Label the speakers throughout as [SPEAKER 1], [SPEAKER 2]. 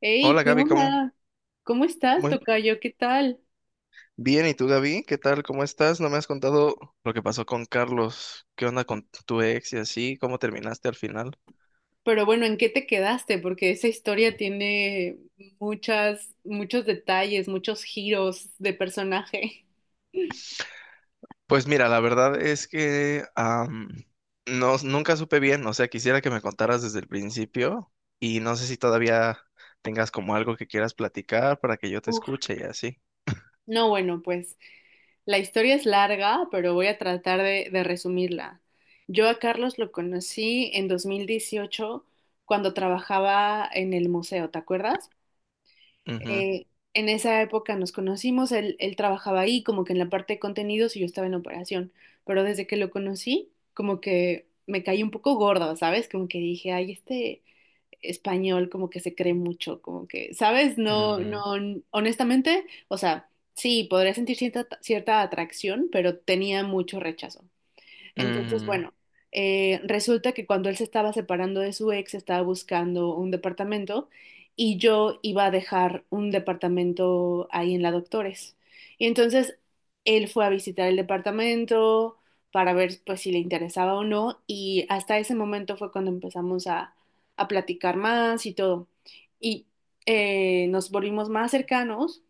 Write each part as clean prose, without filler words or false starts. [SPEAKER 1] Hey,
[SPEAKER 2] Hola
[SPEAKER 1] ¿qué
[SPEAKER 2] Gaby, ¿cómo?
[SPEAKER 1] onda? ¿Cómo estás,
[SPEAKER 2] Muy
[SPEAKER 1] tocayo? ¿Qué tal?
[SPEAKER 2] bien, ¿y tú Gaby? ¿Qué tal? ¿Cómo estás? No me has contado lo que pasó con Carlos. ¿Qué onda con tu ex y así? ¿Cómo terminaste al final?
[SPEAKER 1] Pero bueno, ¿en qué te quedaste? Porque esa historia tiene muchos detalles, muchos giros de personaje.
[SPEAKER 2] Pues mira, la verdad es que no, nunca supe bien, o sea, quisiera que me contaras desde el principio y no sé si todavía tengas como algo que quieras platicar para que yo te
[SPEAKER 1] Uf.
[SPEAKER 2] escuche y así.
[SPEAKER 1] No, bueno, pues la historia es larga, pero voy a tratar de resumirla. Yo a Carlos lo conocí en 2018 cuando trabajaba en el museo, ¿te acuerdas?
[SPEAKER 2] Ujú,
[SPEAKER 1] Eh, en esa época nos conocimos, él trabajaba ahí como que en la parte de contenidos y yo estaba en operación, pero desde que lo conocí como que me caí un poco gorda, ¿sabes? Como que dije, ay, este español como que se cree mucho, como que, ¿sabes? No, no,
[SPEAKER 2] ujú,
[SPEAKER 1] honestamente, o sea, sí, podría sentir cierta atracción, pero tenía mucho rechazo. Entonces,
[SPEAKER 2] ujú,
[SPEAKER 1] bueno, resulta que cuando él se estaba separando de su ex, estaba buscando un departamento y yo iba a dejar un departamento ahí en la Doctores. Y entonces él fue a visitar el departamento para ver pues si le interesaba o no y hasta ese momento fue cuando empezamos a platicar más y todo. Y nos volvimos más cercanos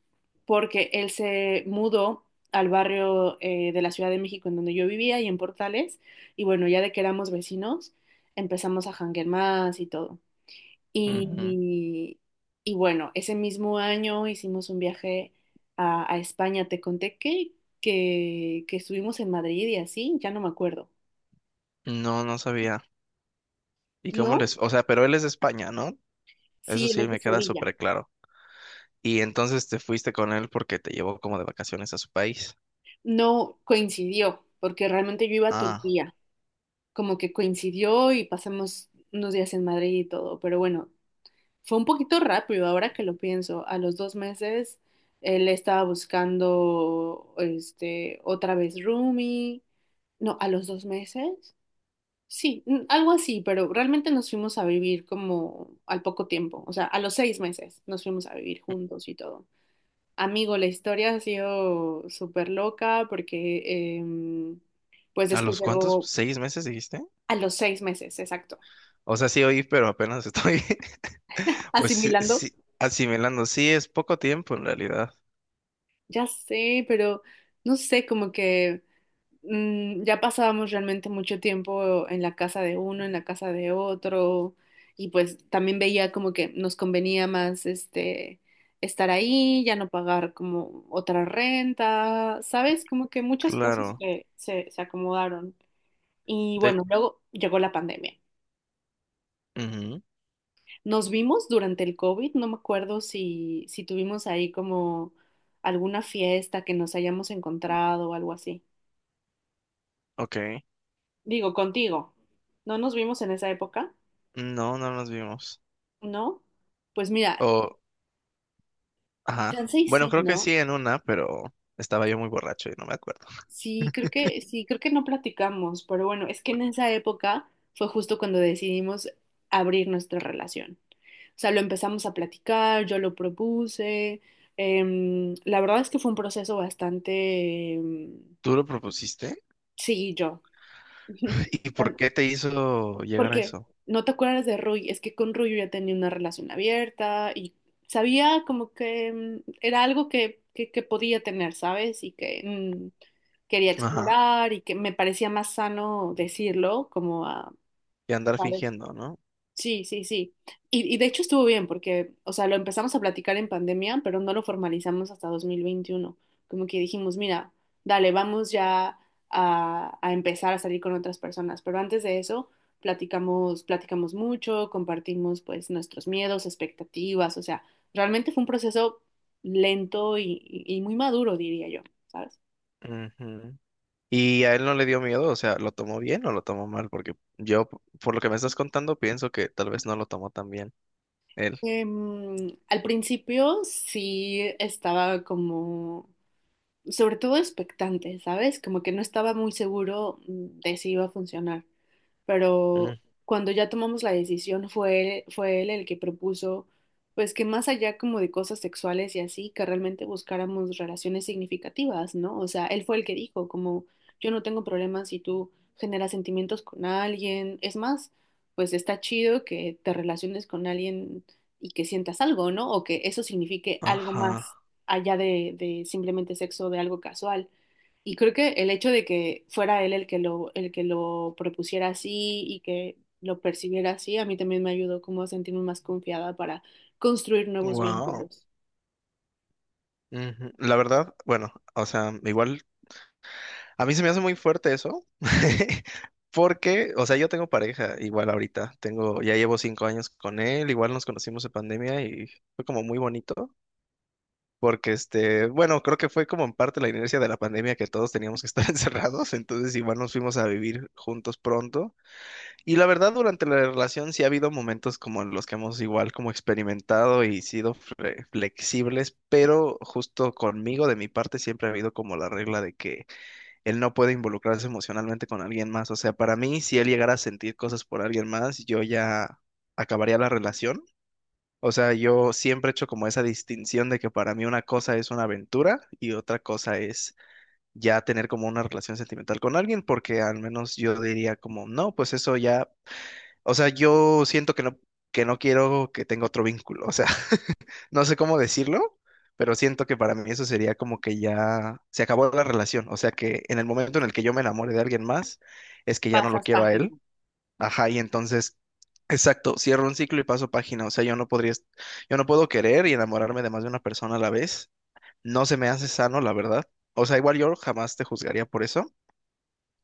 [SPEAKER 1] porque él se mudó al barrio de la Ciudad de México en donde yo vivía y en Portales. Y bueno, ya de que éramos vecinos, empezamos a janguear más y todo.
[SPEAKER 2] ujú.
[SPEAKER 1] Y, y bueno, ese mismo año hicimos un viaje a España. Te conté que, que estuvimos en Madrid y así, ya no me acuerdo.
[SPEAKER 2] No, no sabía. ¿Y cómo
[SPEAKER 1] ¿No?
[SPEAKER 2] les...? O sea, pero él es de España, ¿no? Eso
[SPEAKER 1] Sí, él
[SPEAKER 2] sí
[SPEAKER 1] es de
[SPEAKER 2] me queda
[SPEAKER 1] Sevilla.
[SPEAKER 2] súper claro. Y entonces te fuiste con él porque te llevó como de vacaciones a su país.
[SPEAKER 1] No coincidió, porque realmente yo iba a
[SPEAKER 2] Ah,
[SPEAKER 1] Turquía. Como que coincidió y pasamos unos días en Madrid y todo. Pero bueno, fue un poquito rápido ahora que lo pienso. A los dos meses él estaba buscando este otra vez roomie. No, a los 2 meses. Sí, algo así, pero realmente nos fuimos a vivir como al poco tiempo. O sea, a los 6 meses nos fuimos a vivir juntos y todo. Amigo, la historia ha sido súper loca porque pues
[SPEAKER 2] ¿a
[SPEAKER 1] después
[SPEAKER 2] los cuántos?
[SPEAKER 1] llegó
[SPEAKER 2] ¿Seis meses dijiste?
[SPEAKER 1] a los 6 meses, exacto.
[SPEAKER 2] O sea, sí oí, pero apenas estoy, pues sí,
[SPEAKER 1] Asimilando.
[SPEAKER 2] sí, asimilando. Sí, es poco tiempo en realidad.
[SPEAKER 1] Ya sé, pero no sé, como que, ya pasábamos realmente mucho tiempo en la casa de uno, en la casa de otro, y pues también veía como que nos convenía más este estar ahí, ya no pagar como otra renta, ¿sabes? Como que muchas cosas
[SPEAKER 2] Claro.
[SPEAKER 1] que se acomodaron. Y
[SPEAKER 2] De...
[SPEAKER 1] bueno, luego llegó la pandemia.
[SPEAKER 2] ujú.
[SPEAKER 1] Nos vimos durante el COVID, no me acuerdo si tuvimos ahí como alguna fiesta que nos hayamos encontrado o algo así.
[SPEAKER 2] Ok.
[SPEAKER 1] Digo, contigo. ¿No nos vimos en esa época?
[SPEAKER 2] No, no nos vimos.
[SPEAKER 1] ¿No? Pues mira,
[SPEAKER 2] O, ajá.
[SPEAKER 1] chance y
[SPEAKER 2] Bueno,
[SPEAKER 1] sí,
[SPEAKER 2] creo que sí
[SPEAKER 1] ¿no?
[SPEAKER 2] en una, pero estaba yo muy borracho y no me acuerdo.
[SPEAKER 1] Sí, creo que no platicamos, pero bueno, es que en esa época fue justo cuando decidimos abrir nuestra relación. O sea, lo empezamos a platicar, yo lo propuse. La verdad es que fue un proceso bastante,
[SPEAKER 2] ¿Tú lo propusiste?
[SPEAKER 1] sí, yo.
[SPEAKER 2] ¿Y por
[SPEAKER 1] Tam-
[SPEAKER 2] qué te hizo llegar a
[SPEAKER 1] Porque
[SPEAKER 2] eso?
[SPEAKER 1] no te acuerdas de Rui, es que con Rui yo ya tenía una relación abierta y sabía como que era algo que podía tener, ¿sabes? Y que quería
[SPEAKER 2] Ajá.
[SPEAKER 1] explorar y que me parecía más sano decirlo, como a,
[SPEAKER 2] Y andar
[SPEAKER 1] ¿sabes?
[SPEAKER 2] fingiendo, ¿no?
[SPEAKER 1] Sí, sí, sí. Y de hecho estuvo bien porque, o sea, lo empezamos a platicar en pandemia, pero no lo formalizamos hasta 2021. Como que dijimos, mira, dale, vamos ya a empezar a salir con otras personas. Pero antes de eso, platicamos mucho, compartimos pues nuestros miedos, expectativas. O sea, realmente fue un proceso lento y muy maduro, diría yo, ¿sabes?
[SPEAKER 2] Ujú. Y a él no le dio miedo, o sea, ¿lo tomó bien o lo tomó mal? Porque yo, por lo que me estás contando, pienso que tal vez no lo tomó tan bien él.
[SPEAKER 1] Al principio sí estaba como sobre todo expectante, ¿sabes? Como que no estaba muy seguro de si iba a funcionar
[SPEAKER 2] Mm.
[SPEAKER 1] pero cuando ya tomamos la decisión fue él el que propuso, pues que más allá como de cosas sexuales y así, que realmente buscáramos relaciones significativas, ¿no? O sea, él fue el que dijo, como yo no tengo problemas si tú generas sentimientos con alguien, es más, pues está chido que te relaciones con alguien y que sientas algo, ¿no? O que eso signifique algo más
[SPEAKER 2] Ajá.
[SPEAKER 1] allá de simplemente sexo, de algo casual. Y creo que el hecho de que fuera él el que lo propusiera así y que lo percibiera así, a mí también me ayudó como a sentirme más confiada para construir nuevos
[SPEAKER 2] Wow.
[SPEAKER 1] vínculos.
[SPEAKER 2] La verdad, bueno, o sea, igual, a mí se me hace muy fuerte eso, porque, o sea, yo tengo pareja igual ahorita, tengo, ya llevo 5 años con él, igual nos conocimos en pandemia y fue como muy bonito, porque este, bueno, creo que fue como en parte la inercia de la pandemia que todos teníamos que estar encerrados, entonces igual nos fuimos a vivir juntos pronto. Y la verdad, durante la relación sí ha habido momentos como en los que hemos igual como experimentado y sido flexibles, pero justo conmigo, de mi parte, siempre ha habido como la regla de que él no puede involucrarse emocionalmente con alguien más. O sea, para mí, si él llegara a sentir cosas por alguien más, yo ya acabaría la relación. O sea, yo siempre he hecho como esa distinción de que para mí una cosa es una aventura y otra cosa es ya tener como una relación sentimental con alguien, porque al menos yo diría como, no, pues eso ya, o sea, yo siento que no quiero que tenga otro vínculo. O sea, no sé cómo decirlo, pero siento que para mí eso sería como que ya se acabó la relación. O sea, que en el momento en el que yo me enamore de alguien más, es que ya no lo
[SPEAKER 1] Pasas
[SPEAKER 2] quiero a él.
[SPEAKER 1] página.
[SPEAKER 2] Ajá, y entonces, exacto, cierro un ciclo y paso página. O sea, yo no podría, yo no puedo querer y enamorarme de más de una persona a la vez. No se me hace sano, la verdad. O sea, igual yo jamás te juzgaría por eso,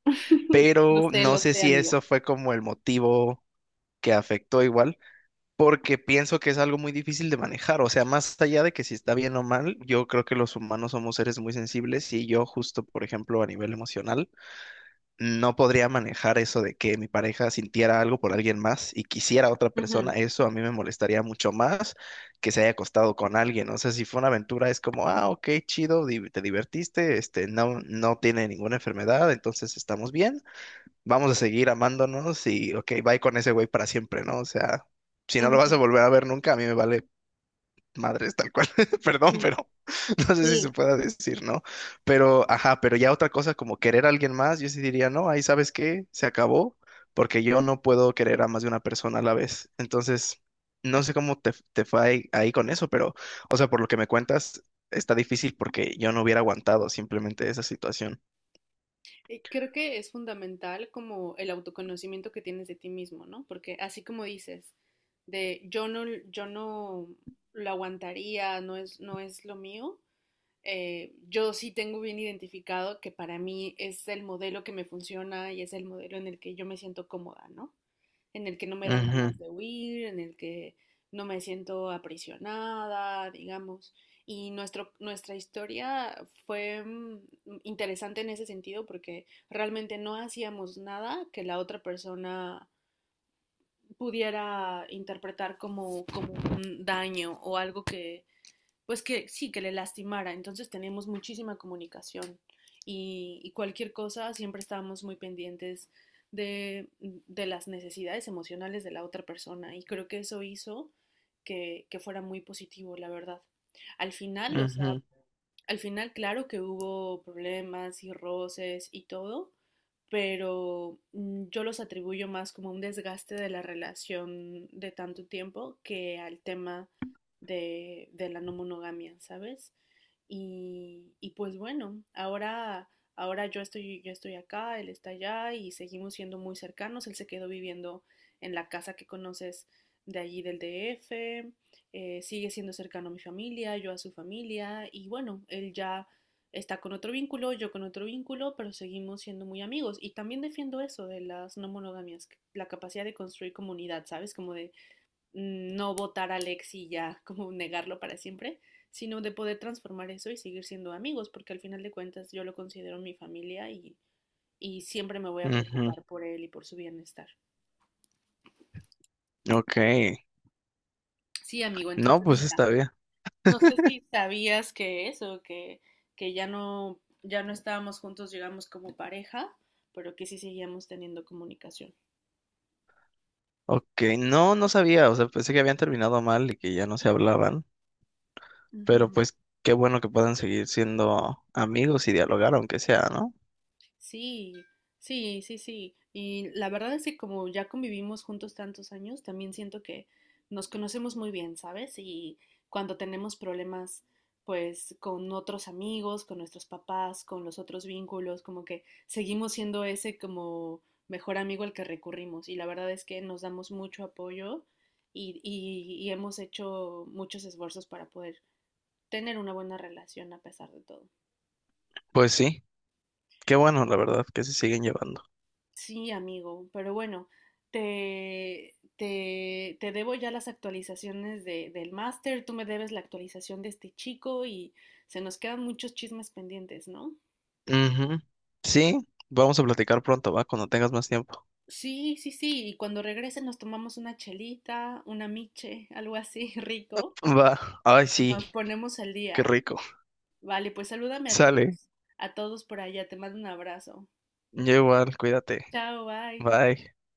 [SPEAKER 2] pero no
[SPEAKER 1] Lo
[SPEAKER 2] sé
[SPEAKER 1] sé,
[SPEAKER 2] si
[SPEAKER 1] amigo.
[SPEAKER 2] eso fue como el motivo que afectó igual porque pienso que es algo muy difícil de manejar. O sea, más allá de que si está bien o mal, yo creo que los humanos somos seres muy sensibles y yo justo, por ejemplo, a nivel emocional, no podría manejar eso de que mi pareja sintiera algo por alguien más y quisiera a otra
[SPEAKER 1] Ujú,
[SPEAKER 2] persona. Eso a mí me molestaría mucho más que se haya acostado con alguien. O sea, si fue una aventura, es como, ah, ok, chido, te divertiste, este, no, no tiene ninguna enfermedad, entonces estamos bien, vamos a seguir amándonos y, ok, bye con ese güey para siempre, ¿no? O sea, si no lo vas a
[SPEAKER 1] ujú,
[SPEAKER 2] volver a ver nunca, a mí me vale madres tal cual. Perdón,
[SPEAKER 1] ujú.
[SPEAKER 2] pero no sé si se
[SPEAKER 1] Sí.
[SPEAKER 2] pueda decir, ¿no? Pero, ajá, pero ya otra cosa como querer a alguien más, yo sí diría, no, ahí sabes qué, se acabó, porque yo no puedo querer a más de una persona a la vez. Entonces, no sé cómo te fue ahí con eso, pero, o sea, por lo que me cuentas, está difícil porque yo no hubiera aguantado simplemente esa situación.
[SPEAKER 1] Y creo que es fundamental como el autoconocimiento que tienes de ti mismo, ¿no? Porque así como dices, de yo no lo aguantaría, no es lo mío, yo sí tengo bien identificado que para mí es el modelo que me funciona y es el modelo en el que yo me siento cómoda, ¿no? En el que no me dan
[SPEAKER 2] Ujú,
[SPEAKER 1] ganas de huir, en el que no me siento aprisionada, digamos. Y nuestro, nuestra historia fue interesante en ese sentido porque realmente no hacíamos nada que la otra persona pudiera interpretar como un daño o algo que, pues que sí, que le lastimara. Entonces tenemos muchísima comunicación y cualquier cosa siempre estábamos muy pendientes de las necesidades emocionales de la otra persona y creo que eso hizo que fuera muy positivo, la verdad. Al final, o sea,
[SPEAKER 2] ujú,
[SPEAKER 1] al final, claro que hubo problemas y roces y todo, pero yo los atribuyo más como un desgaste de la relación de tanto tiempo que al tema de la no monogamia, ¿sabes? Y pues bueno, ahora yo estoy acá, él está allá y seguimos siendo muy cercanos. Él se quedó viviendo en la casa que conoces de allí del DF sigue siendo cercano a mi familia, yo a su familia y bueno, él ya está con otro vínculo, yo con otro vínculo, pero seguimos siendo muy amigos. Y también defiendo eso de las no monogamias, la capacidad de construir comunidad, ¿sabes? Como de no votar a Alex y ya, como negarlo para siempre, sino de poder transformar eso y seguir siendo amigos, porque al final de cuentas yo lo considero mi familia y siempre me voy a
[SPEAKER 2] ujú.
[SPEAKER 1] preocupar por él y por su bienestar.
[SPEAKER 2] Ok,
[SPEAKER 1] Sí, amigo,
[SPEAKER 2] no,
[SPEAKER 1] entonces
[SPEAKER 2] pues
[SPEAKER 1] mira,
[SPEAKER 2] está bien.
[SPEAKER 1] no sé si sabías que eso, que ya no estábamos juntos, digamos, como pareja, pero que sí seguíamos teniendo comunicación.
[SPEAKER 2] Ok, no, no sabía, o sea, pensé que habían terminado mal y que ya no se hablaban, pero
[SPEAKER 1] Ujú.
[SPEAKER 2] pues qué bueno que puedan seguir siendo amigos y dialogar, aunque sea, ¿no?
[SPEAKER 1] Sí, sí, sí, sí. Y la verdad es que como ya convivimos juntos tantos años, también siento que nos conocemos muy bien, ¿sabes? Y cuando tenemos problemas, pues con otros amigos, con nuestros papás, con los otros vínculos, como que seguimos siendo ese como mejor amigo al que recurrimos. Y la verdad es que nos damos mucho apoyo y hemos hecho muchos esfuerzos para poder tener una buena relación a pesar de todo.
[SPEAKER 2] Pues sí, qué bueno, la verdad, que se siguen llevando.
[SPEAKER 1] Sí, amigo, pero bueno, te debo ya las actualizaciones del máster, tú me debes la actualización de este chico y se nos quedan muchos chismes pendientes, ¿no?
[SPEAKER 2] Ujú. Sí, vamos a platicar pronto, va, cuando tengas más tiempo.
[SPEAKER 1] Sí, sí, sí, y cuando regrese nos tomamos una chelita, una miche, algo así rico,
[SPEAKER 2] Va, ay, sí,
[SPEAKER 1] nos ponemos al
[SPEAKER 2] qué
[SPEAKER 1] día.
[SPEAKER 2] rico.
[SPEAKER 1] Vale, pues salúdame
[SPEAKER 2] Sale,
[SPEAKER 1] a todos por allá, te mando un abrazo.
[SPEAKER 2] yo igual, cuídate,
[SPEAKER 1] Chao, bye.
[SPEAKER 2] bye.